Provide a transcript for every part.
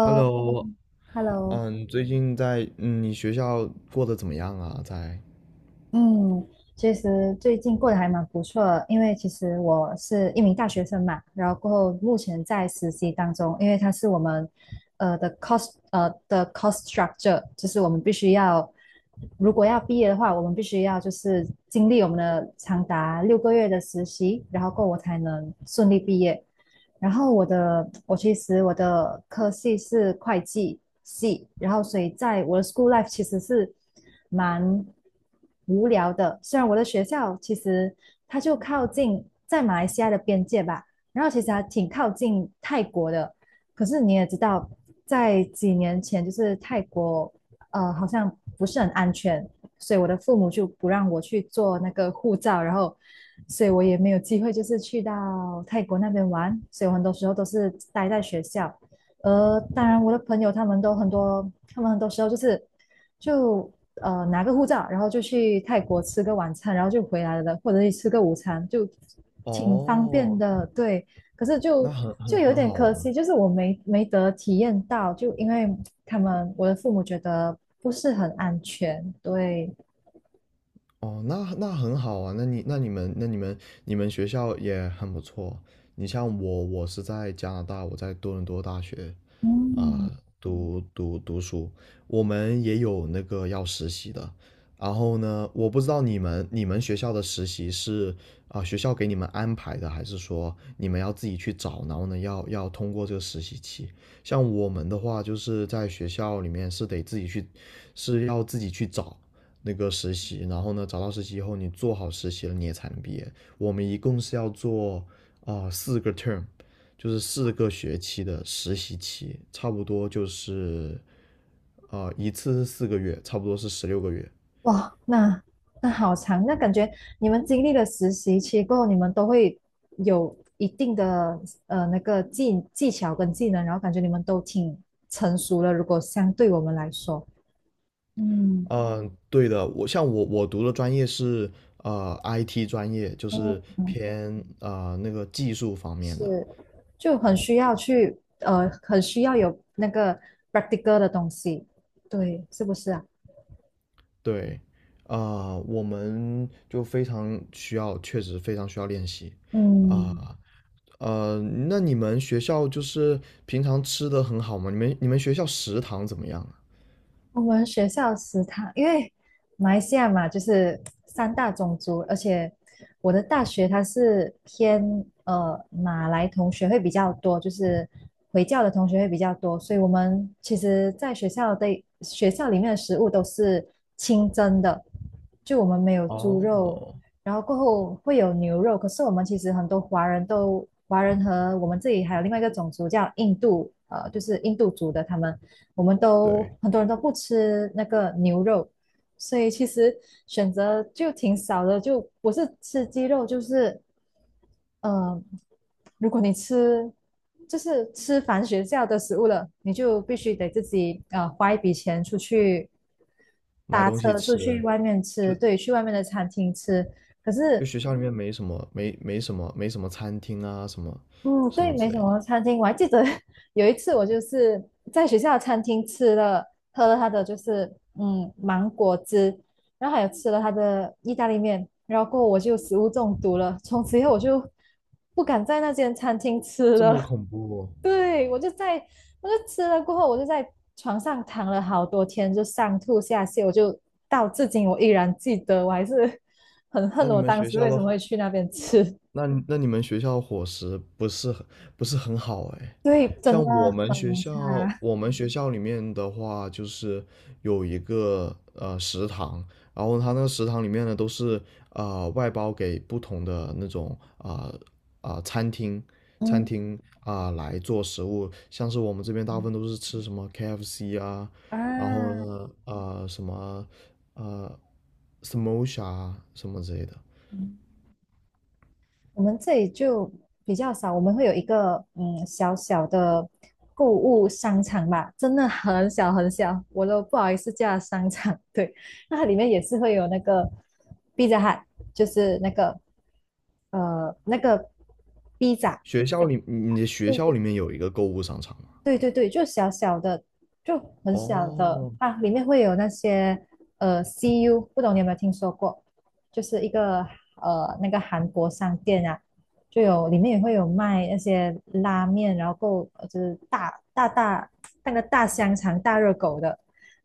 Hello。最近在你学校过得怎么样啊？在嗯，其实最近过得还蛮不错的，因为其实我是一名大学生嘛，然后过后目前在实习当中，因为它是我们的 cost structure，就是我们必须要，如果要毕业的话，我们必须要就是经历我们的长达6个月的实习，然后过后我才能顺利毕业。然后我的我其实我的科系是会计系，然后所以在我的 school life 其实是蛮无聊的。虽然我的学校其实它就靠近在马来西亚的边界吧，然后其实还挺靠近泰国的。可是你也知道，在几年前就是泰国好像不是很安全，所以我的父母就不让我去做那个护照，然后所以我也没有机会就是去到泰国那边玩，所以我很多时候都是待在学校。当然我的朋友他们都很多，他们很多时候就是就拿个护照，然后就去泰国吃个晚餐，然后就回来了，或者是吃个午餐，就挺方便哦，的。对，可是就那很就很有很点好可啊。惜，就是我没得体验到，就因为他们我的父母觉得不是很安全。对，哦，那很好啊。那你们学校也很不错。你像我，我是在加拿大，我在多伦多大学。嗯。啊、读书，我们也有那个要实习的。然后呢，我不知道你们学校的实习是学校给你们安排的，还是说你们要自己去找，然后呢要通过这个实习期？像我们的话，就是在学校里面是得自己去，是要自己去找那个实习，然后呢找到实习以后，你做好实习了你也才能毕业。我们一共是要做4个 term,就是4个学期的实习期，差不多就是一次是4个月，差不多是16个月。哇，那好长，那感觉你们经历了实习期过后，你们都会有一定的那个技巧跟技能，然后感觉你们都挺成熟了。如果相对我们来说，嗯对的，我像我我读的专业是IT 专业，就是嗯，偏那个技术方面的。是，就很需要去很需要有那个 practical 的东西，对，是不是啊？对，我们就非常需要，确实非常需要练习。嗯。啊、呃，那你们学校就是平常吃的很好吗？你们学校食堂怎么样啊？我们学校食堂，因为马来西亚嘛，就是三大种族，而且我的大学它是偏马来同学会比较多，就是回教的同学会比较多，所以我们其实在学校里面的食物都是清真的，就我们没有猪肉，哦，然后过后会有牛肉，可是我们其实很多华人和我们这里还有另外一个种族叫印度，就是印度族的他们。我们都对。很多人都不吃那个牛肉，所以其实选择就挺少的。就我是吃鸡肉，就是嗯，如果你吃就是吃凡学校的食物了，你就必须得自己花一笔钱出去买搭东西车出吃，去外面就吃，对，去外面的餐厅吃。可就是学校里面没什么餐厅啊什么嗯，什对，么没之什类的，么餐厅，我还记得 有一次我就是在学校的餐厅喝了他的就是芒果汁，然后还有吃了他的意大利面，然后过后我就食物中毒了，从此以后我就不敢在那间餐厅吃这么了。恐怖哦？对，我就吃了过后，我就在床上躺了好多天，就上吐下泻，我就到至今我依然记得，我还是很恨那你我们当学时校为的什么会去那边吃。那你们学校伙食不是很好哎，对，真的像我们学很校，差。我们学校里面的话，就是有一个食堂，然后它那个食堂里面呢都是外包给不同的那种啊、餐厅餐嗯。厅来做食物，像是我们这边大部分都是吃什么 KFC 啊，然后啊，呢什么呃 Samosa 啊什么之类的。我们这里就比较少，我们会有一个小小的购物商场吧，真的很小很小，我都不好意思叫它商场。对，那它里面也是会有那个 Pizza Hut，就是那个 pizza，学校里，你的学校里面有一个购物商场吗？对对对，就小小的，就很小的哦啊，里面会有那些CU，不懂你有没有听说过？就是一个那个韩国商店啊，里面也会有卖那些拉面，然后够就是大那个大香肠、大热狗的，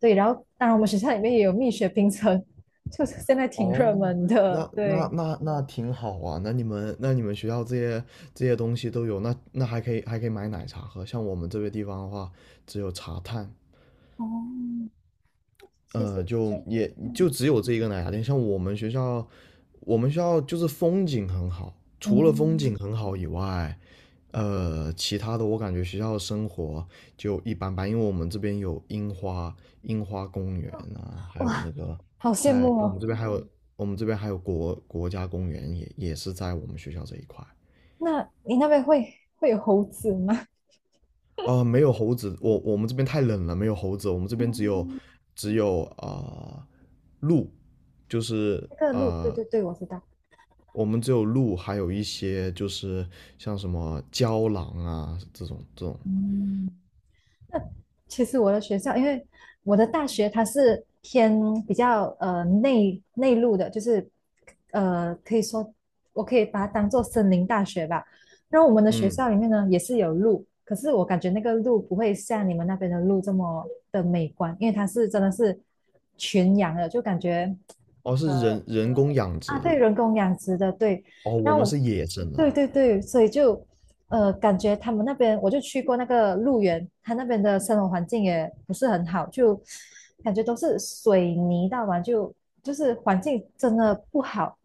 对，然后当然我们学校里面也有蜜雪冰城，就是现在挺热哦，门的，那那对，那那挺好啊。那你们学校这些东西都有，那还可以买奶茶喝。像我们这个地方的话，只有茶碳。哦，其实呃，就就也就嗯，只有这一个奶茶店。像我们学校，我们学校就是风景很好，除了风嗯，景很好以外，呃，其他的我感觉学校的生活就一般般，因为我们这边有樱花、樱花公园啊，还有哇，那个好羡在慕我们哦。这边还有我们这边还有国家公园也是在我们学校这一块。那你那边会有猴子吗？没有猴子，我们这边太冷了，没有猴子，我们这边只有嗯，只有啊、鹿，就是那个路，对啊、对对，我知道。我们只有鹿，还有一些就是像什么郊狼啊这种，嗯，其实我的学校，因为我的大学它是偏比较内陆的，就是可以说我可以把它当做森林大学吧。然后我们的学嗯，校里面呢也是有路，可是我感觉那个路不会像你们那边的路这么的美观，因为它是真的是群羊的，就感觉哦，是人人工养殖啊，对，的，人工养殖的，对，哦，我然后们我，是野生对的。对对，所以就，感觉他们那边，我就去过那个鹿园，他那边的生活环境也不是很好，就感觉都是水泥道嘛，就是环境真的不好。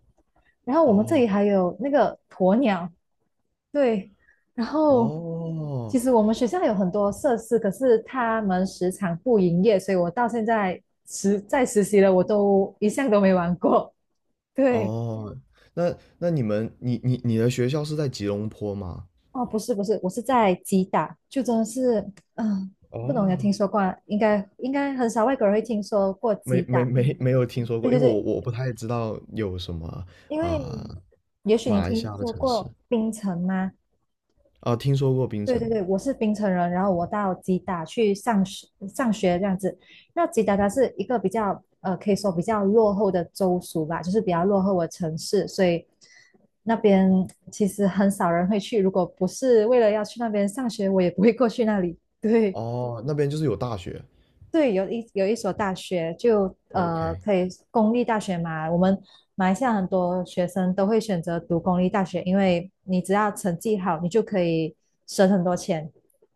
然后我们这哦里还有那个鸵鸟，对，然后其哦实我们学校有很多设施，可是他们时常不营业，所以我到现在实习了，我都一项都没玩过，对。哦，那你们你你的学校是在吉隆坡吗？哦，不是不是，我是在吉打，就真的是，嗯、不懂有听哦，说过啊应该很少外国人会听说过没吉没打。没没有听说对过，对因为我对，我不太知道有什么因为呃也许马你来西听亚的说城市过槟城吗？啊，听说过槟对城。对对，我是槟城人，然后我到吉打去上学这样子。那吉打它是一个比较可以说比较落后的州属吧，就是比较落后的城市，所以那边其实很少人会去。如果不是为了要去那边上学，我也不会过去那里。对。哦，那边就是有大学。对，有一所大学就OK,可以公立大学嘛，我们马来西亚很多学生都会选择读公立大学，因为你只要成绩好，你就可以省很多钱。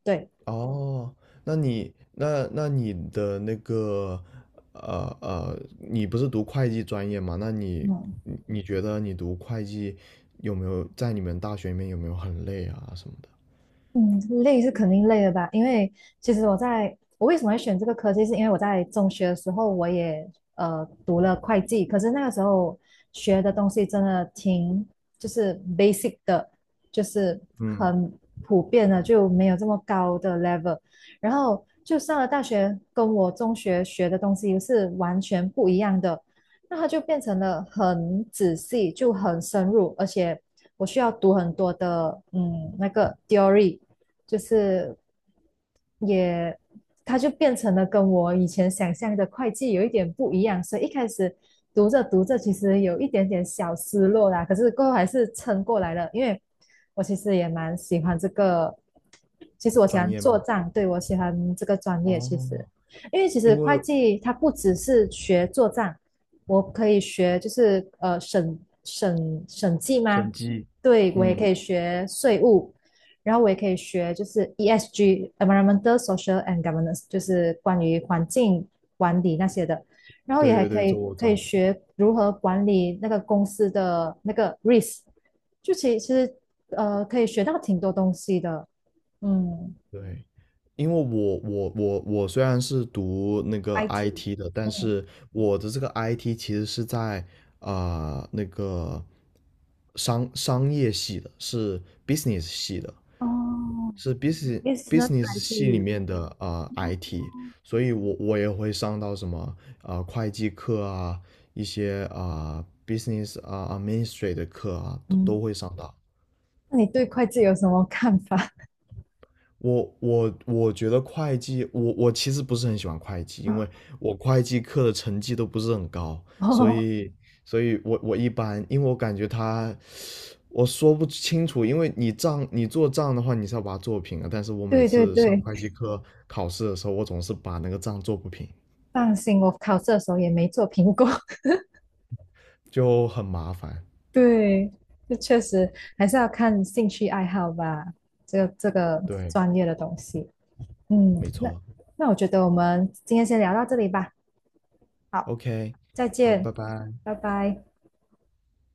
对，哦，那你的那个你不是读会计专业吗？那你嗯。你觉得你读会计，有没有在你们大学里面有没有很累啊什么的？嗯，累是肯定累的吧？因为其实我为什么会选这个科技，是因为我在中学的时候我也读了会计，可是那个时候学的东西真的挺就是 basic 的，就是嗯，很普遍的，就没有这么高的 level。然后就上了大学，跟我中学学的东西是完全不一样的，那它就变成了很仔细，就很深入，而且我需要读很多的那个 theory。就是也，它就变成了跟我以前想象的会计有一点不一样，所以一开始读着读着，其实有一点点小失落啦，可是过后还是撑过来了，因为我其实也蛮喜欢这个，其实我喜专欢业做吗？账，对，我喜欢这个专业，其哦，实，因为其因实为会计它不只是学做账，我可以学就是审计吗？审计，对，我也可嗯，以学税务。然后我也可以学就是 ESG（Environmental, Social and Governance），就是关于环境管理那些的。然后也对还对可对，这以我知可以道。学如何管理那个公司的那个 risk，就其实可以学到挺多东西的。嗯，对，因为我虽然是读那个 IT IT 的，但嗯，是我的这个 IT 其实是在那个商业系的，是 business 系的，哦是 business ，business business i t 系里面的IT,所以我也会上到什么会计课啊，一些business 啊、administrate 的课啊，都嗯，都会上到。那你对会计有什么看法？我觉得会计，我其实不是很喜欢会计，因为 我会计课的成绩都不是很高，所哦，以我一般，因为我感觉他，我说不清楚，因为你做账的话，你是要把它做平啊，但是我每对对次上对，会计课考试的时候，我总是把那个账做不平，放心，我考试的时候也没做评估。就很麻烦。对，这确实还是要看兴趣爱好吧，这个对，专业的东西。嗯，没那错。那我觉得我们今天先聊到这里吧。好，OK,再好，拜见，拜。拜拜。